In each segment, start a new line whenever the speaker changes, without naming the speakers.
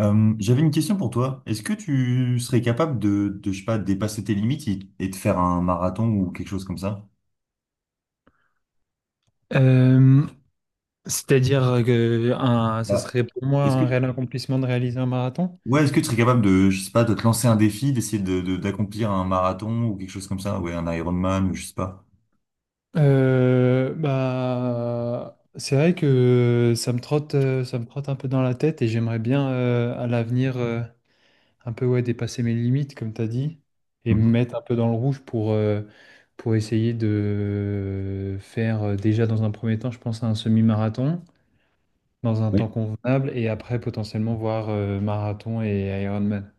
J'avais une question pour toi. Est-ce que tu serais capable de, je sais pas, dépasser tes limites et de faire un marathon ou quelque chose comme ça?
Euh, C'est-à-dire que un, ce
Bah,
serait pour moi
est-ce que,
un réel accomplissement de réaliser un marathon.
ouais, Est-ce que tu serais capable de, je sais pas, de te lancer un défi, d'essayer d'accomplir un marathon ou quelque chose comme ça? Ouais, un Ironman, je sais pas.
Bah, c'est vrai que ça me trotte un peu dans la tête et j'aimerais bien à l'avenir un peu ouais, dépasser mes limites, comme tu as dit, et me
Mhm.
mettre un peu dans le rouge pour essayer de faire déjà dans un premier temps, je pense, un semi-marathon dans un temps
Oui.
convenable et après potentiellement voir marathon et Ironman.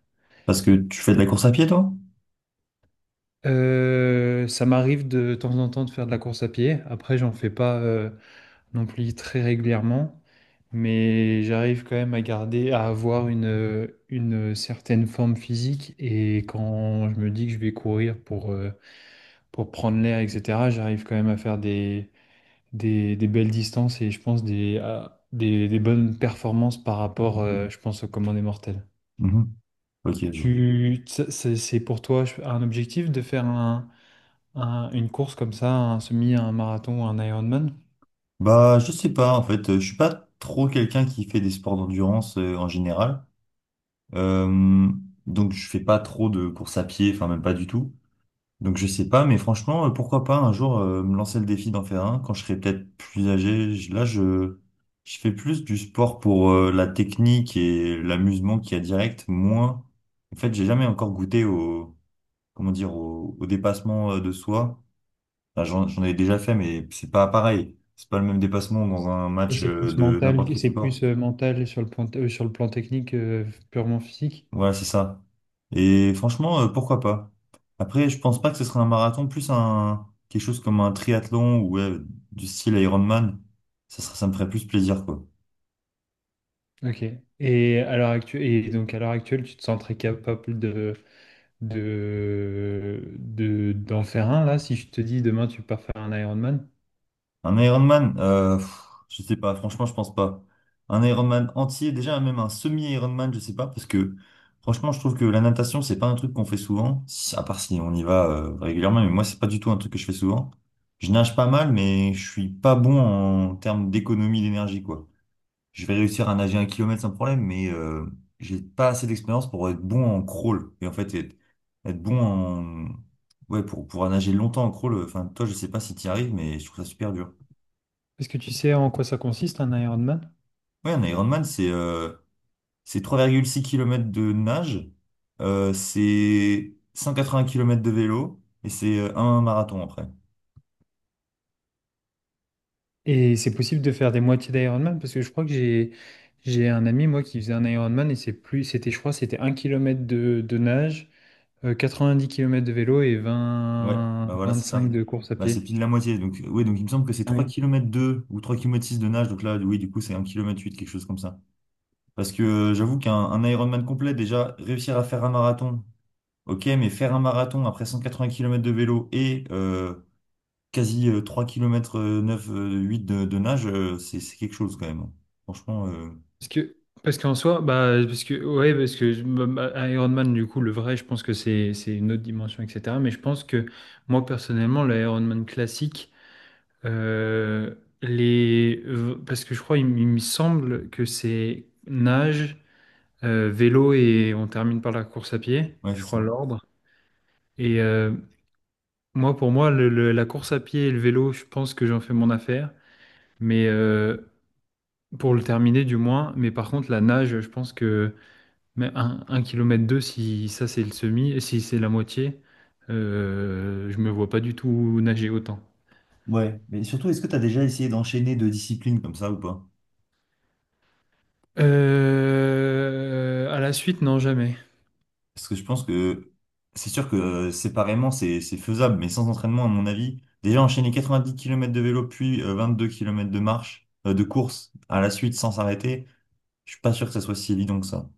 Parce que tu fais de la course à pied, toi?
Ça m'arrive de temps en temps de faire de la course à pied. Après, j'en fais pas non plus très régulièrement, mais j'arrive quand même à garder, à avoir une certaine forme physique. Et quand je me dis que je vais courir pour prendre l'air, etc., j'arrive quand même à faire des belles distances et je pense des bonnes performances par rapport, je pense, aux commandes des mortels.
Mhm. Ok, je vois.
Tu, ça- c'est pour toi un objectif de faire une course comme ça, un semi, un marathon, un Ironman?
Bah, je sais pas, en fait, je suis pas trop quelqu'un qui fait des sports d'endurance en général. Euh, donc, je fais pas trop de course à pied, enfin, même pas du tout. Donc je sais pas, mais franchement, pourquoi pas un jour me lancer le défi d'en faire un quand je serai peut-être plus âgé. Là, je fais plus du sport pour la technique et l'amusement qu'il y a direct, moins. En fait, j'ai jamais encore goûté au comment dire au, au dépassement de soi. Enfin, j'en ai déjà fait, mais c'est pas pareil. C'est pas le même dépassement dans un match
C'est plus
de
mental,
n'importe quel
c'est
sport.
plus mental sur le plan technique, purement physique.
Ouais, c'est ça. Et franchement, pourquoi pas? Après, je pense pas que ce serait un marathon, plus un quelque chose comme un triathlon ou ouais, du style Ironman. Ça me ferait plus plaisir, quoi.
Ok. Et donc à l'heure actuelle, tu te sens très capable d'en faire un là, si je te dis demain tu pars faire un Ironman.
Un Ironman, je sais pas. Franchement, je pense pas. Un Ironman entier, déjà même un semi-Ironman, je sais pas, parce que franchement, je trouve que la natation, c'est pas un truc qu'on fait souvent, à part si on y va régulièrement. Mais moi, c'est pas du tout un truc que je fais souvent. Je nage pas mal, mais je suis pas bon en termes d'économie d'énergie, quoi. Je vais réussir à nager 1 km sans problème, mais j'ai pas assez d'expérience pour être bon en crawl. Et en fait, être bon en... Ouais, pour pouvoir nager longtemps en crawl, enfin, toi, je sais pas si tu y arrives, mais je trouve ça super dur.
Est-ce que tu sais en quoi ça consiste un Ironman?
Ouais, un Ironman, c'est 3,6 km de nage, c'est 180 kilomètres de vélo, et c'est un marathon après.
Et c'est possible de faire des moitiés d'Ironman parce que je crois que j'ai un ami moi qui faisait un Ironman et c'est plus c'était je crois c'était 1 kilomètre de nage. Euh, 10 kilomètres de vélo et
Ouais,
vingt
bah voilà, c'est
vingt-cinq
ça.
de course à
Bah, c'est
pied.
pile la moitié. Donc, ouais, donc il me semble que c'est
Ah
3
oui.
kilomètres 2 ou 3,6 km de nage. Donc là, oui, du coup, c'est 1,8 km, quelque chose comme ça. Parce que j'avoue qu'un un Ironman complet, déjà, réussir à faire un marathon, ok, mais faire un marathon après 180 km de vélo et quasi 3 km 9, de nage, c'est quelque chose quand même. Franchement,
Parce que, parce qu'en soi, bah, parce que, ouais, bah, Ironman, du coup, le vrai, je pense que c'est une autre dimension, etc. Mais je pense que moi, personnellement, l'Ironman classique, euh, parce que je crois, il me semble que c'est nage, vélo et on termine par la course à pied,
ouais, c'est
je crois,
ça.
l'ordre. Et moi, pour moi, la course à pied et le vélo, je pense que j'en fais mon affaire. Mais pour le terminer, du moins. Mais par contre, la nage, je pense que mais un kilomètre deux, si ça c'est le semi, et si c'est la moitié, je me vois pas du tout nager autant.
Ouais, mais surtout, est-ce que tu as déjà essayé d'enchaîner deux disciplines comme ça ou pas?
À la suite, non, jamais.
Parce que je pense que c'est sûr que séparément, c'est faisable, mais sans entraînement, à mon avis, déjà enchaîner 90 km de vélo, puis 22 km de marche, de course à la suite sans s'arrêter. Je suis pas sûr que ça soit si évident que ça.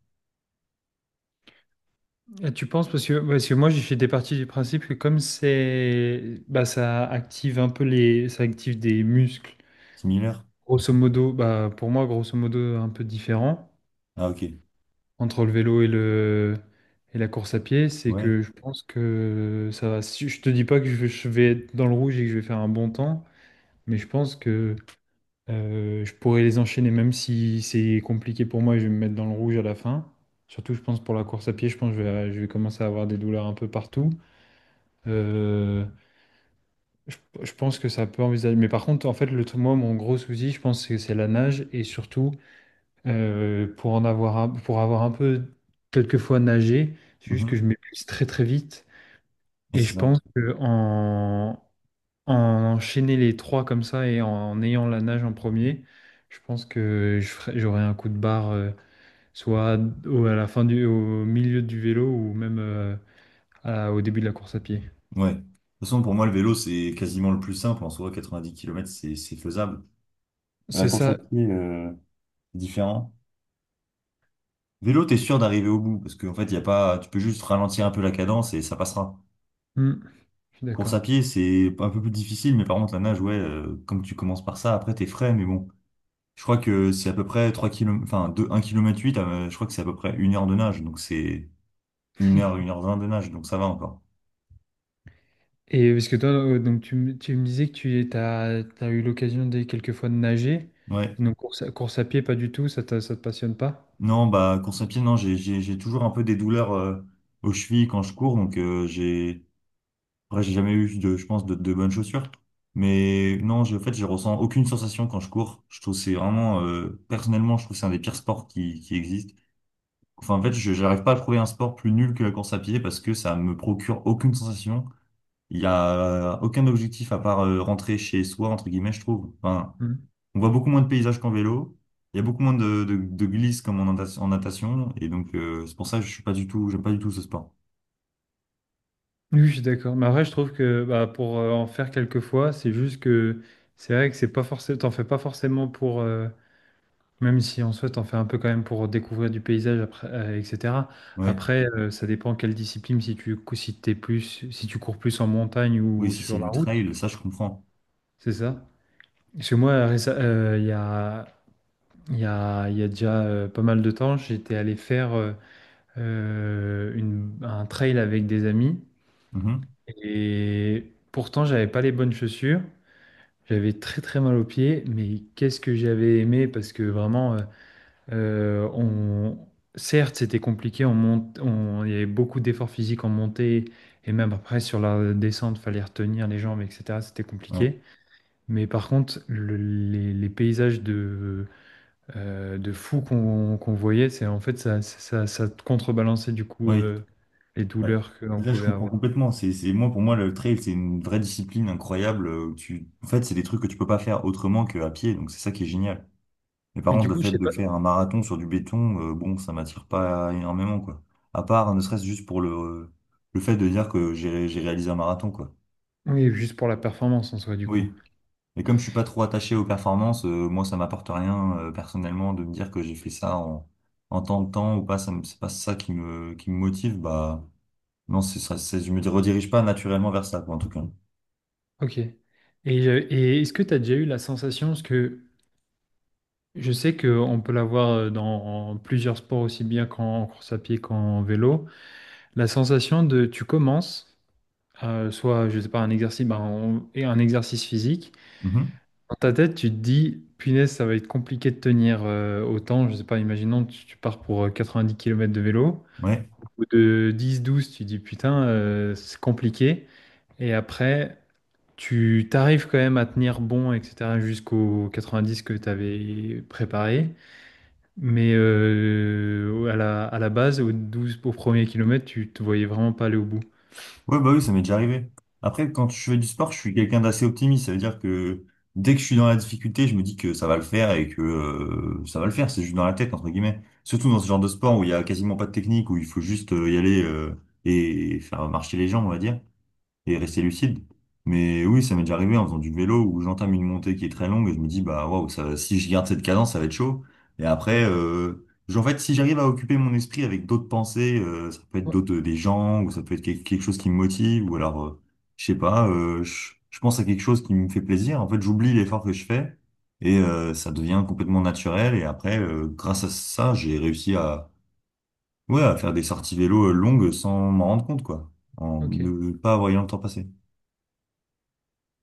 Et tu penses parce que moi j'étais parti du principe que comme c'est bah ça active un peu les ça active des muscles
Similaire?
grosso modo bah pour moi grosso modo un peu différent
Ah, ok.
entre le vélo et le et la course à pied, c'est
Ouais.
que je pense que ça va. Si je te dis pas que je vais être dans le rouge et que je vais faire un bon temps, mais je pense que je pourrais les enchaîner même si c'est compliqué pour moi et je vais me mettre dans le rouge à la fin. Surtout, je pense pour la course à pied, je pense que je vais commencer à avoir des douleurs un peu partout. Euh, je pense que ça peut envisager. Mais par contre, en fait, moi, mon gros souci, je pense que c'est la nage et surtout. Pour avoir un peu quelquefois nagé, c'est juste que
Mhm.
je m'épuise très très vite.
Et
Et je
c'est ça.
pense que en enchaîner les trois comme ça et en ayant la nage en premier, je pense que j'aurai un coup de barre soit à la fin du, au milieu du vélo ou même au début de la course à pied.
Ouais. De toute façon, pour moi, le vélo, c'est quasiment le plus simple. En soi, 90 kilomètres, c'est faisable. La
C'est
course à
ça.
pied, c'est différent. Vélo, t'es sûr d'arriver au bout parce qu'en fait, y a pas, tu peux juste ralentir un peu la cadence et ça passera.
Hmm, je suis
Course
d'accord.
à pied, c'est un peu plus difficile, mais par contre, la nage, ouais, comme tu commences par ça, après, t'es frais, mais bon. Je crois que c'est à peu près 3 km, enfin, 2, 1 km 8, je crois que c'est à peu près 1 h de nage, donc c'est 1 h, 1 h 20 de nage, donc ça va encore.
Et parce que toi, donc tu me disais que tu as eu l'occasion des quelques fois de nager.
Ouais.
Et donc course à pied, pas du tout, ça te passionne pas?
Non, bah, course à pied, non, j'ai toujours un peu des douleurs aux chevilles quand je cours, donc j'ai après, j'ai jamais eu, de, je pense, de bonnes chaussures. Mais non, je, en fait, je ressens aucune sensation quand je cours. Je trouve que c'est vraiment, personnellement, je trouve que c'est un des pires sports qui existe. Enfin, en fait, je n'arrive pas à trouver un sport plus nul que la course à pied parce que ça me procure aucune sensation. Il y a aucun objectif à part rentrer chez soi, entre guillemets, je trouve. Enfin,
Mhm.
on voit beaucoup moins de paysages qu'en vélo. Il y a beaucoup moins de glisses comme en natation. Et donc, c'est pour ça que je suis pas du tout, j'aime pas du tout ce sport.
Oui, je suis d'accord. Mais après, je trouve que bah, pour en faire quelques fois, c'est juste que c'est vrai que c'est pas forcément, t'en fais pas forcément même si en soi, t'en fais un peu quand même pour découvrir du paysage, après, etc.
Ouais.
Après, ça dépend quelle discipline, si tu cours plus en montagne
Oui,
ou
si c'est
sur la
du
route,
trail, ça, je comprends.
c'est ça? Chez moi, il y a, il y a, il y a déjà pas mal de temps, j'étais allé faire un trail avec des amis.
Mhm.
Et pourtant, j'avais pas les bonnes chaussures. J'avais très très mal aux pieds. Mais qu'est-ce que j'avais aimé parce que vraiment, euh, on... certes, c'était compliqué. Il y avait beaucoup d'efforts physiques en montée. Et même après, sur la descente, fallait retenir les jambes, etc. C'était
Ouais.
compliqué. Mais par contre, les paysages de fou qu'on voyait. C'est en fait ça contrebalançait du coup
Oui.
les
Ouais.
douleurs que l'on
Là, je
pouvait
comprends
avoir.
complètement. Moi, pour moi, le trail, c'est une vraie discipline incroyable. Où Tu, en fait, c'est des trucs que tu peux pas faire autrement qu'à pied. Donc, c'est ça qui est génial. Mais par
Mais
contre,
du
le
coup, je
fait
sais
de
pas.
faire un marathon sur du béton, bon, ça m'attire pas énormément, quoi. À part, ne serait-ce juste pour le fait de dire que j'ai réalisé un marathon, quoi.
Oui, juste pour la performance en soi, du coup.
Oui. Et comme je suis pas trop attaché aux performances, moi ça m'apporte rien personnellement de me dire que j'ai fait ça en, en tant de temps ou pas, ça me, c'est pas ça qui me motive, bah non, c'est ça, c'est, je me redirige pas naturellement vers ça, quoi, en tout cas.
Ok. Et est-ce que tu as déjà eu la sensation, parce que je sais qu'on peut l'avoir dans en plusieurs sports aussi bien qu'en course à pied qu'en vélo, la sensation de tu commences, soit, je sais pas, un exercice, ben, et un exercice physique.
Mhm.
Dans ta tête, tu te dis, punaise, ça va être compliqué de tenir autant. Je sais pas, imaginons, tu pars pour 90 kilomètres de vélo.
Ouais.
Au bout de 10-12, tu te dis, putain, c'est compliqué. Et après, tu t'arrives quand même à tenir bon, etc., jusqu'aux 90 que tu avais préparé. Mais à la base, au 12, au premier kilomètre, tu te voyais vraiment pas aller au bout.
Ouais, bah oui, ça m'est déjà arrivé. Après, quand je fais du sport, je suis quelqu'un d'assez optimiste, ça veut dire que dès que je suis dans la difficulté, je me dis que ça va le faire et que ça va le faire, c'est juste dans la tête, entre guillemets. Surtout dans ce genre de sport où il y a quasiment pas de technique, où il faut juste y aller et faire marcher les jambes, on va dire, et rester lucide. Mais oui, ça m'est déjà arrivé en faisant du vélo où j'entame une montée qui est très longue et je me dis, bah waouh, ça, si je garde cette cadence, ça va être chaud. Et après,
Ouais.
en fait, si j'arrive à occuper mon esprit avec d'autres pensées, ça peut être
Ouais,
d'autres, des gens, ou ça peut être quelque chose qui me motive, ou alors, je sais pas, je pense à quelque chose qui me fait plaisir. En fait, j'oublie l'effort que je fais et ça devient complètement naturel. Et après, grâce à ça, j'ai réussi à, ouais, à faire des sorties vélo longues sans m'en rendre compte, quoi, en
ok.
ne pas voyant le temps passer.